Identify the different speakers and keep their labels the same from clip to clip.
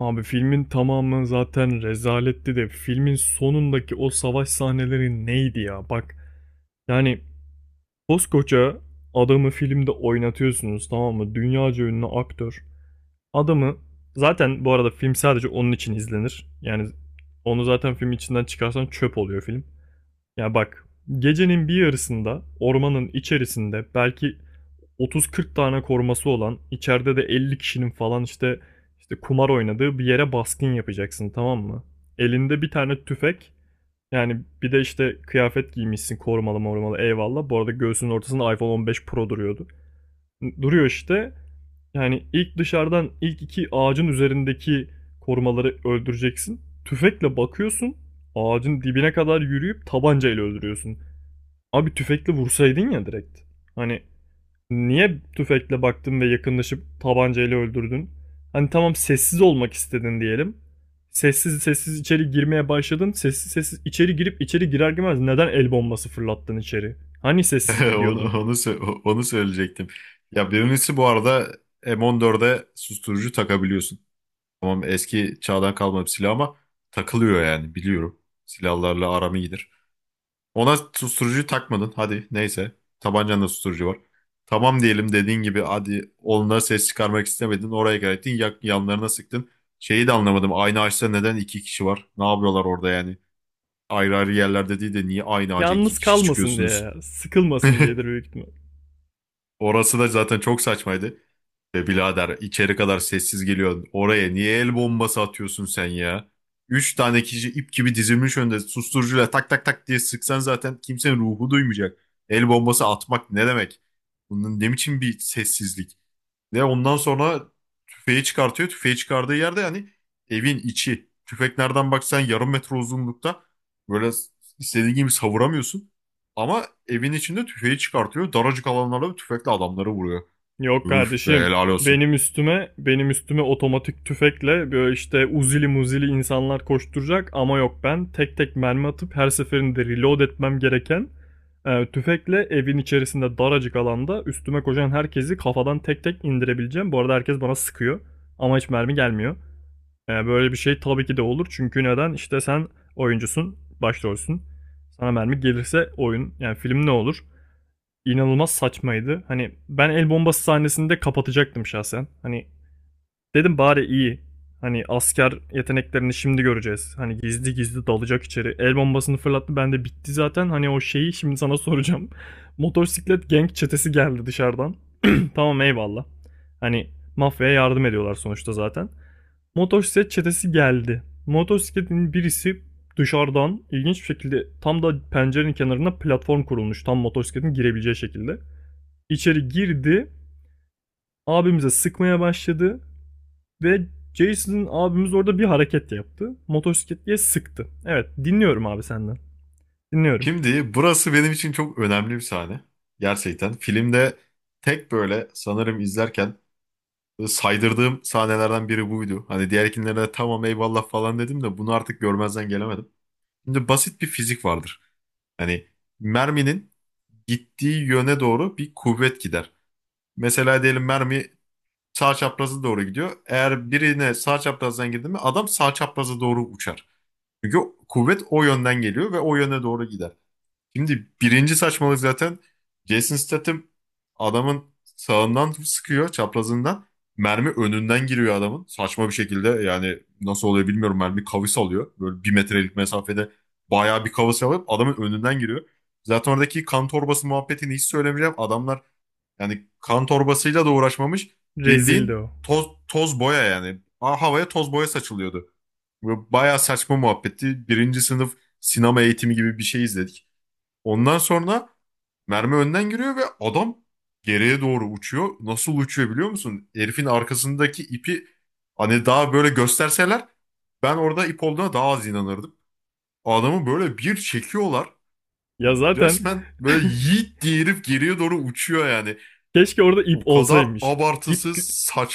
Speaker 1: Abi filmin tamamı zaten rezaletti de filmin sonundaki o savaş sahneleri neydi ya? Bak yani koskoca adamı filmde oynatıyorsunuz tamam mı? Dünyaca ünlü aktör. Adamı zaten bu arada film sadece onun için izlenir. Yani onu zaten film içinden çıkarsan çöp oluyor film. Ya bak gecenin bir yarısında ormanın içerisinde belki 30-40 tane koruması olan, içeride de 50 kişinin falan işte kumar oynadığı bir yere baskın yapacaksın tamam mı? Elinde bir tane tüfek. Yani bir de işte kıyafet giymişsin korumalı morumalı eyvallah. Bu arada göğsünün ortasında iPhone 15 Pro duruyordu. Duruyor işte. Yani ilk dışarıdan ilk iki ağacın üzerindeki korumaları öldüreceksin. Tüfekle bakıyorsun. Ağacın dibine kadar yürüyüp tabancayla öldürüyorsun. Abi tüfekle vursaydın ya direkt. Hani niye tüfekle baktın ve yakınlaşıp tabancayla öldürdün? Hani tamam sessiz olmak istedin diyelim. Sessiz sessiz içeri girmeye başladın. Sessiz sessiz içeri girip içeri girer girmez neden el bombası fırlattın içeri? Hani sessiz
Speaker 2: Onu,
Speaker 1: gidiyordun?
Speaker 2: onu, sö- onu söyleyecektim. Ya birincisi bu arada M14'e susturucu takabiliyorsun. Tamam eski çağdan kalma bir silah ama takılıyor yani biliyorum. Silahlarla aram iyidir. Ona susturucu takmadın hadi neyse. Tabancanda susturucu var. Tamam diyelim dediğin gibi hadi onlara ses çıkarmak istemedin. Oraya geldin yanlarına sıktın. Şeyi de anlamadım, aynı ağaçta neden iki kişi var? Ne yapıyorlar orada yani? Ayrı ayrı yerlerde değil de niye aynı ağaca iki
Speaker 1: Yalnız
Speaker 2: kişi
Speaker 1: kalmasın
Speaker 2: çıkıyorsunuz?
Speaker 1: diye, sıkılmasın diyedir büyük ihtimal.
Speaker 2: Orası da zaten çok saçmaydı. Be birader, içeri kadar sessiz geliyorsun. Oraya niye el bombası atıyorsun sen ya? Üç tane kişi ip gibi dizilmiş önde, susturucuyla tak tak tak diye sıksan zaten kimsenin ruhu duymayacak. El bombası atmak ne demek? Bunun ne biçim bir sessizlik? Ve ondan sonra tüfeği çıkartıyor. Tüfeği çıkardığı yerde yani evin içi. Tüfek nereden baksan yarım metre uzunlukta. Böyle istediğin gibi savuramıyorsun. Ama evin içinde tüfeği çıkartıyor. Daracık alanlarda bir tüfekle adamları vuruyor.
Speaker 1: Yok
Speaker 2: Üf be,
Speaker 1: kardeşim.
Speaker 2: helal olsun.
Speaker 1: Benim üstüme, benim üstüme otomatik tüfekle böyle işte uzili muzili insanlar koşturacak ama yok ben tek tek mermi atıp her seferinde reload etmem gereken tüfekle evin içerisinde daracık alanda üstüme koşan herkesi kafadan tek tek indirebileceğim. Bu arada herkes bana sıkıyor ama hiç mermi gelmiyor. E, böyle bir şey tabii ki de olur çünkü neden? İşte sen oyuncusun, başrolsün. Sana mermi gelirse oyun yani film ne olur? inanılmaz saçmaydı. Hani ben el bombası sahnesini de kapatacaktım şahsen. Hani dedim bari iyi. Hani asker yeteneklerini şimdi göreceğiz. Hani gizli gizli dalacak içeri. El bombasını fırlattı ben de bitti zaten. Hani o şeyi şimdi sana soracağım. Motosiklet gang çetesi geldi dışarıdan. tamam eyvallah. Hani mafyaya yardım ediyorlar sonuçta zaten. Motosiklet çetesi geldi. Motosikletin birisi dışarıdan ilginç bir şekilde tam da pencerenin kenarına platform kurulmuş. Tam motosikletin girebileceği şekilde içeri girdi. Abimize sıkmaya başladı ve Jason'ın abimiz orada bir hareket yaptı. Motosikletliye sıktı. Evet dinliyorum abi senden. Dinliyorum.
Speaker 2: Şimdi burası benim için çok önemli bir sahne. Gerçekten filmde tek böyle sanırım izlerken saydırdığım sahnelerden biri buydu. Hani diğer de tamam, eyvallah falan dedim de bunu artık görmezden gelemedim. Şimdi basit bir fizik vardır. Hani merminin gittiği yöne doğru bir kuvvet gider. Mesela diyelim mermi sağ çaprazı doğru gidiyor. Eğer birine sağ çaprazdan girdi mi adam sağ çaprazı doğru uçar. Çünkü kuvvet o yönden geliyor ve o yöne doğru gider. Şimdi birinci saçmalık zaten, Jason Statham adamın sağından sıkıyor, çaprazından. Mermi önünden giriyor adamın. Saçma bir şekilde yani, nasıl oluyor bilmiyorum, mermi kavis alıyor. Böyle bir metrelik mesafede bayağı bir kavis alıp adamın önünden giriyor. Zaten oradaki kan torbası muhabbetini hiç söylemeyeceğim. Adamlar yani kan torbasıyla da uğraşmamış.
Speaker 1: Rezildi
Speaker 2: Bildiğin
Speaker 1: o.
Speaker 2: toz, toz boya yani. Havaya toz boya saçılıyordu. Böyle bayağı saçma muhabbetti. Birinci sınıf sinema eğitimi gibi bir şey izledik. Ondan sonra mermi önden giriyor ve adam geriye doğru uçuyor. Nasıl uçuyor biliyor musun? Herifin arkasındaki ipi hani daha böyle gösterseler, ben orada ip olduğuna daha az inanırdım. Adamı böyle bir çekiyorlar.
Speaker 1: Ya zaten
Speaker 2: Resmen böyle yiğit diye herif geriye doğru uçuyor yani.
Speaker 1: keşke orada ip
Speaker 2: O kadar
Speaker 1: olsaymış. İp,
Speaker 2: abartısız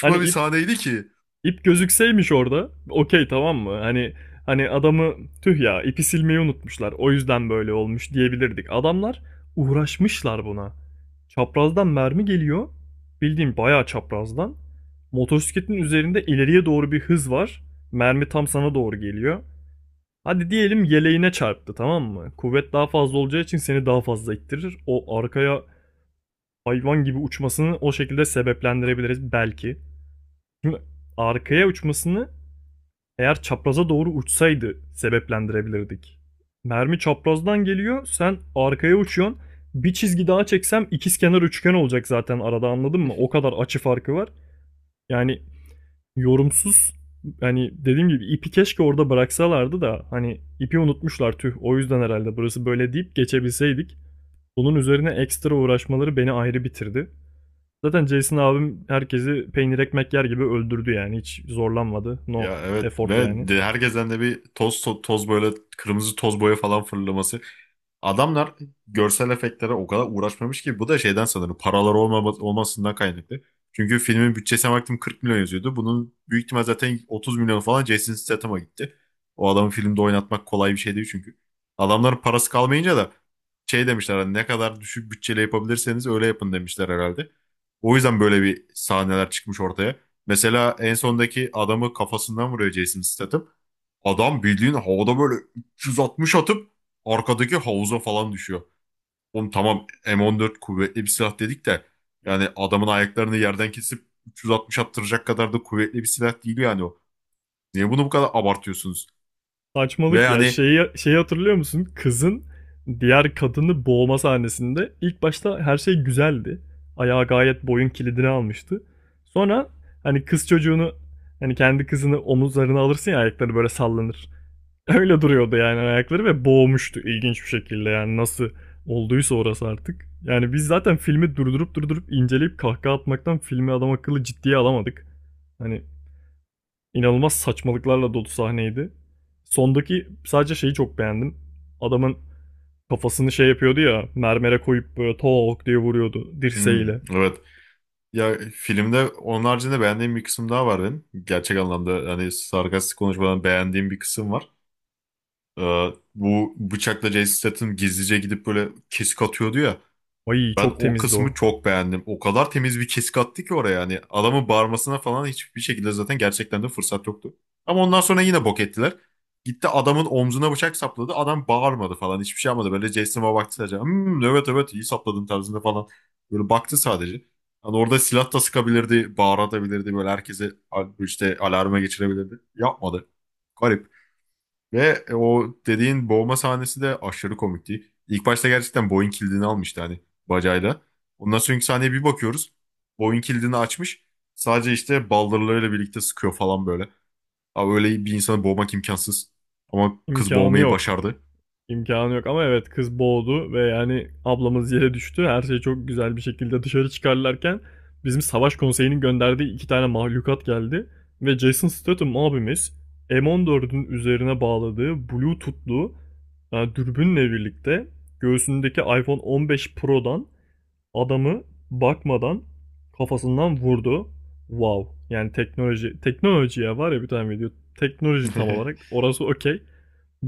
Speaker 1: hani
Speaker 2: bir
Speaker 1: ip,
Speaker 2: sahneydi ki.
Speaker 1: İp gözükseymiş orada. Okey tamam mı? Hani hani adamı tüh ya ipi silmeyi unutmuşlar. O yüzden böyle olmuş diyebilirdik. Adamlar uğraşmışlar buna. Çaprazdan mermi geliyor. Bildiğim bayağı çaprazdan. Motosikletin üzerinde ileriye doğru bir hız var. Mermi tam sana doğru geliyor. Hadi diyelim yeleğine çarptı tamam mı? Kuvvet daha fazla olacağı için seni daha fazla ittirir. O arkaya hayvan gibi uçmasını o şekilde sebeplendirebiliriz belki. Şimdi arkaya uçmasını eğer çapraza doğru uçsaydı sebeplendirebilirdik. Mermi çaprazdan geliyor, sen arkaya uçuyorsun. Bir çizgi daha çeksem ikizkenar üçgen olacak zaten arada anladın mı? O kadar açı farkı var. Yani yorumsuz, hani dediğim gibi ipi keşke orada bıraksalardı da hani ipi unutmuşlar tüh o yüzden herhalde burası böyle deyip geçebilseydik. Bunun üzerine ekstra uğraşmaları beni ayrı bitirdi. Zaten Jason abim herkesi peynir ekmek yer gibi öldürdü yani hiç zorlanmadı. No
Speaker 2: Ya evet,
Speaker 1: effort
Speaker 2: ve
Speaker 1: yani.
Speaker 2: de herkesten de bir toz böyle kırmızı toz boya falan fırlaması. Adamlar görsel efektlere o kadar uğraşmamış ki, bu da şeyden sanırım paraları olmasından kaynaklı. Çünkü filmin bütçesine baktım, 40 milyon yazıyordu. Bunun büyük ihtimal zaten 30 milyon falan Jason Statham'a gitti. O adamı filmde oynatmak kolay bir şey değil çünkü. Adamların parası kalmayınca da şey demişler, hani ne kadar düşük bütçeyle yapabilirseniz öyle yapın demişler herhalde. O yüzden böyle bir sahneler çıkmış ortaya. Mesela en sondaki adamı kafasından vuruyor Jason Statham. Adam bildiğin havada böyle 360 atıp arkadaki havuza falan düşüyor. Oğlum tamam, M14 kuvvetli bir silah dedik de yani adamın ayaklarını yerden kesip 360 attıracak kadar da kuvvetli bir silah değil yani o. Niye bunu bu kadar abartıyorsunuz? Ve
Speaker 1: Saçmalık ya.
Speaker 2: hani,
Speaker 1: Şeyi hatırlıyor musun? Kızın diğer kadını boğma sahnesinde ilk başta her şey güzeldi. Ayağı gayet boyun kilidini almıştı. Sonra hani kız çocuğunu, hani kendi kızını omuzlarına alırsın ya ayakları böyle sallanır. Öyle duruyordu yani ayakları ve boğmuştu ilginç bir şekilde yani nasıl olduysa orası artık. Yani biz zaten filmi durdurup durdurup inceleyip kahkaha atmaktan filmi adam akıllı ciddiye alamadık. Hani İnanılmaz saçmalıklarla dolu sahneydi. Sondaki sadece şeyi çok beğendim. Adamın kafasını şey yapıyordu ya, mermere koyup böyle tok diye vuruyordu
Speaker 2: hmm,
Speaker 1: dirseğiyle.
Speaker 2: evet, ya filmde onun haricinde beğendiğim bir kısım daha var benim. Gerçek anlamda hani sarkastik konuşmadan beğendiğim bir kısım var. Ee, bu bıçakla Jason Statham gizlice gidip böyle kesik atıyordu ya.
Speaker 1: Ay
Speaker 2: Ben
Speaker 1: çok
Speaker 2: o
Speaker 1: temizdi
Speaker 2: kısmı
Speaker 1: o.
Speaker 2: çok beğendim. O kadar temiz bir kesik attı ki oraya yani. Adamın bağırmasına falan hiçbir şekilde zaten gerçekten de fırsat yoktu. Ama ondan sonra yine bok ettiler. Gitti adamın omzuna bıçak sapladı. Adam bağırmadı falan. Hiçbir şey yapmadı. Böyle Jason'a baktı sadece. Hmm, evet evet, iyi sapladın tarzında falan. Böyle baktı sadece. Hani orada silah da sıkabilirdi. Bağıratabilirdi. Böyle herkese işte alarma geçirebilirdi. Yapmadı. Garip. Ve o dediğin boğma sahnesi de aşırı komikti. İlk başta gerçekten boyun kilidini almıştı hani, bacayla. Ondan sonraki sahneye bir bakıyoruz. Boyun kilidini açmış. Sadece işte baldırlarıyla birlikte sıkıyor falan böyle. Abi öyle bir insanı boğmak imkansız. Ama kız
Speaker 1: İmkanı
Speaker 2: boğmayı
Speaker 1: yok.
Speaker 2: başardı.
Speaker 1: İmkanı yok ama evet kız boğdu ve yani ablamız yere düştü. Her şey çok güzel bir şekilde dışarı çıkarlarken bizim savaş konseyinin gönderdiği iki tane mahlukat geldi. Ve Jason Statham abimiz M14'ün üzerine bağladığı Bluetooth'lu dürbünle birlikte göğsündeki iPhone 15 Pro'dan adamı bakmadan kafasından vurdu. Wow. Yani teknoloji teknolojiye var ya, bir tane video. Teknoloji tam olarak. Orası okey.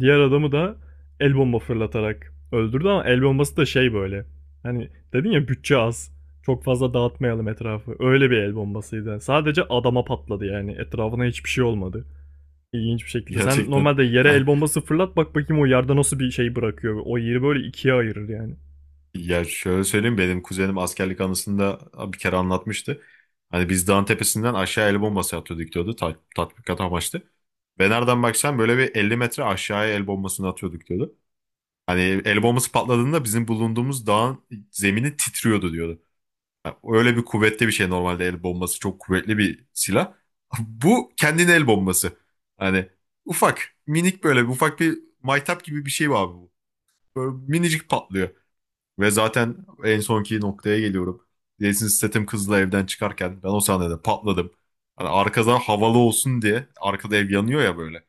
Speaker 1: Diğer adamı da el bomba fırlatarak öldürdü ama el bombası da şey böyle. Hani dedin ya bütçe az. Çok fazla dağıtmayalım etrafı. Öyle bir el bombasıydı. Yani sadece adama patladı yani. Etrafına hiçbir şey olmadı. İlginç bir şekilde. Sen
Speaker 2: Gerçekten.
Speaker 1: normalde yere el bombası fırlat bak bakayım o yerde nasıl bir şey bırakıyor. O yeri böyle ikiye ayırır yani.
Speaker 2: Ya şöyle söyleyeyim, benim kuzenim askerlik anısında bir kere anlatmıştı. Hani biz dağın tepesinden aşağı el bombası atıyorduk diyordu. Tatbikat amaçlı. Ve nereden baksan böyle bir 50 metre aşağıya el bombasını atıyorduk diyordu. Hani el bombası patladığında bizim bulunduğumuz dağın zemini titriyordu diyordu. Yani öyle bir kuvvetli bir şey, normalde el bombası çok kuvvetli bir silah. Bu kendine el bombası. Hani ufak, minik böyle bir ufak bir maytap gibi bir şey var abi bu. Böyle minicik patlıyor. Ve zaten en sonki noktaya geliyorum. Jason Statham kızla evden çıkarken ben o sahnede patladım. Hani arkadan havalı olsun diye, arkada ev yanıyor ya böyle.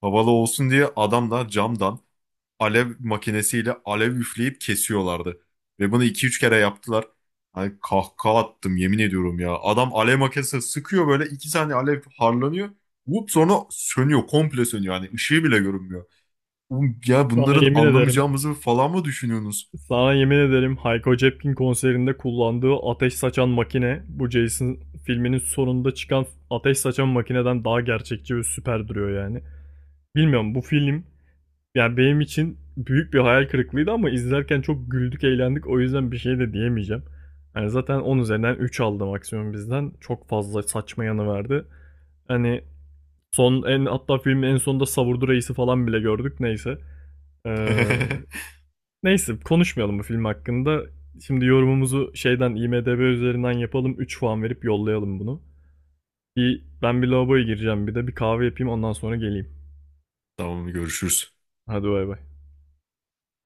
Speaker 2: Havalı olsun diye adamlar camdan alev makinesiyle alev üfleyip kesiyorlardı. Ve bunu iki üç kere yaptılar. Hani kahkaha attım, yemin ediyorum ya. Adam alev makinesi sıkıyor, böyle 2 saniye alev harlanıyor. Vup, sonra sönüyor, komple sönüyor. Hani ışığı bile görünmüyor. Oğlum ya,
Speaker 1: Sana
Speaker 2: bunların
Speaker 1: yemin ederim.
Speaker 2: anlamayacağımızı falan mı düşünüyorsunuz?
Speaker 1: Sana yemin ederim Hayko Cepkin konserinde kullandığı ateş saçan makine bu Jason filminin sonunda çıkan ateş saçan makineden daha gerçekçi ve süper duruyor yani. Bilmiyorum, bu film yani benim için büyük bir hayal kırıklığıydı ama izlerken çok güldük eğlendik o yüzden bir şey de diyemeyeceğim. Yani zaten 10 üzerinden 3 aldı maksimum bizden. Çok fazla saçma yanı vardı. Hani son en hatta filmin en sonunda Savurdu Reis'i falan bile gördük neyse. Ee, Neyse konuşmayalım bu film hakkında. Şimdi yorumumuzu şeyden IMDb üzerinden yapalım. 3 puan verip yollayalım bunu. Bir, ben bir lavaboya gireceğim bir de bir kahve yapayım ondan sonra geleyim.
Speaker 2: Tamam, görüşürüz.
Speaker 1: Hadi bay bay.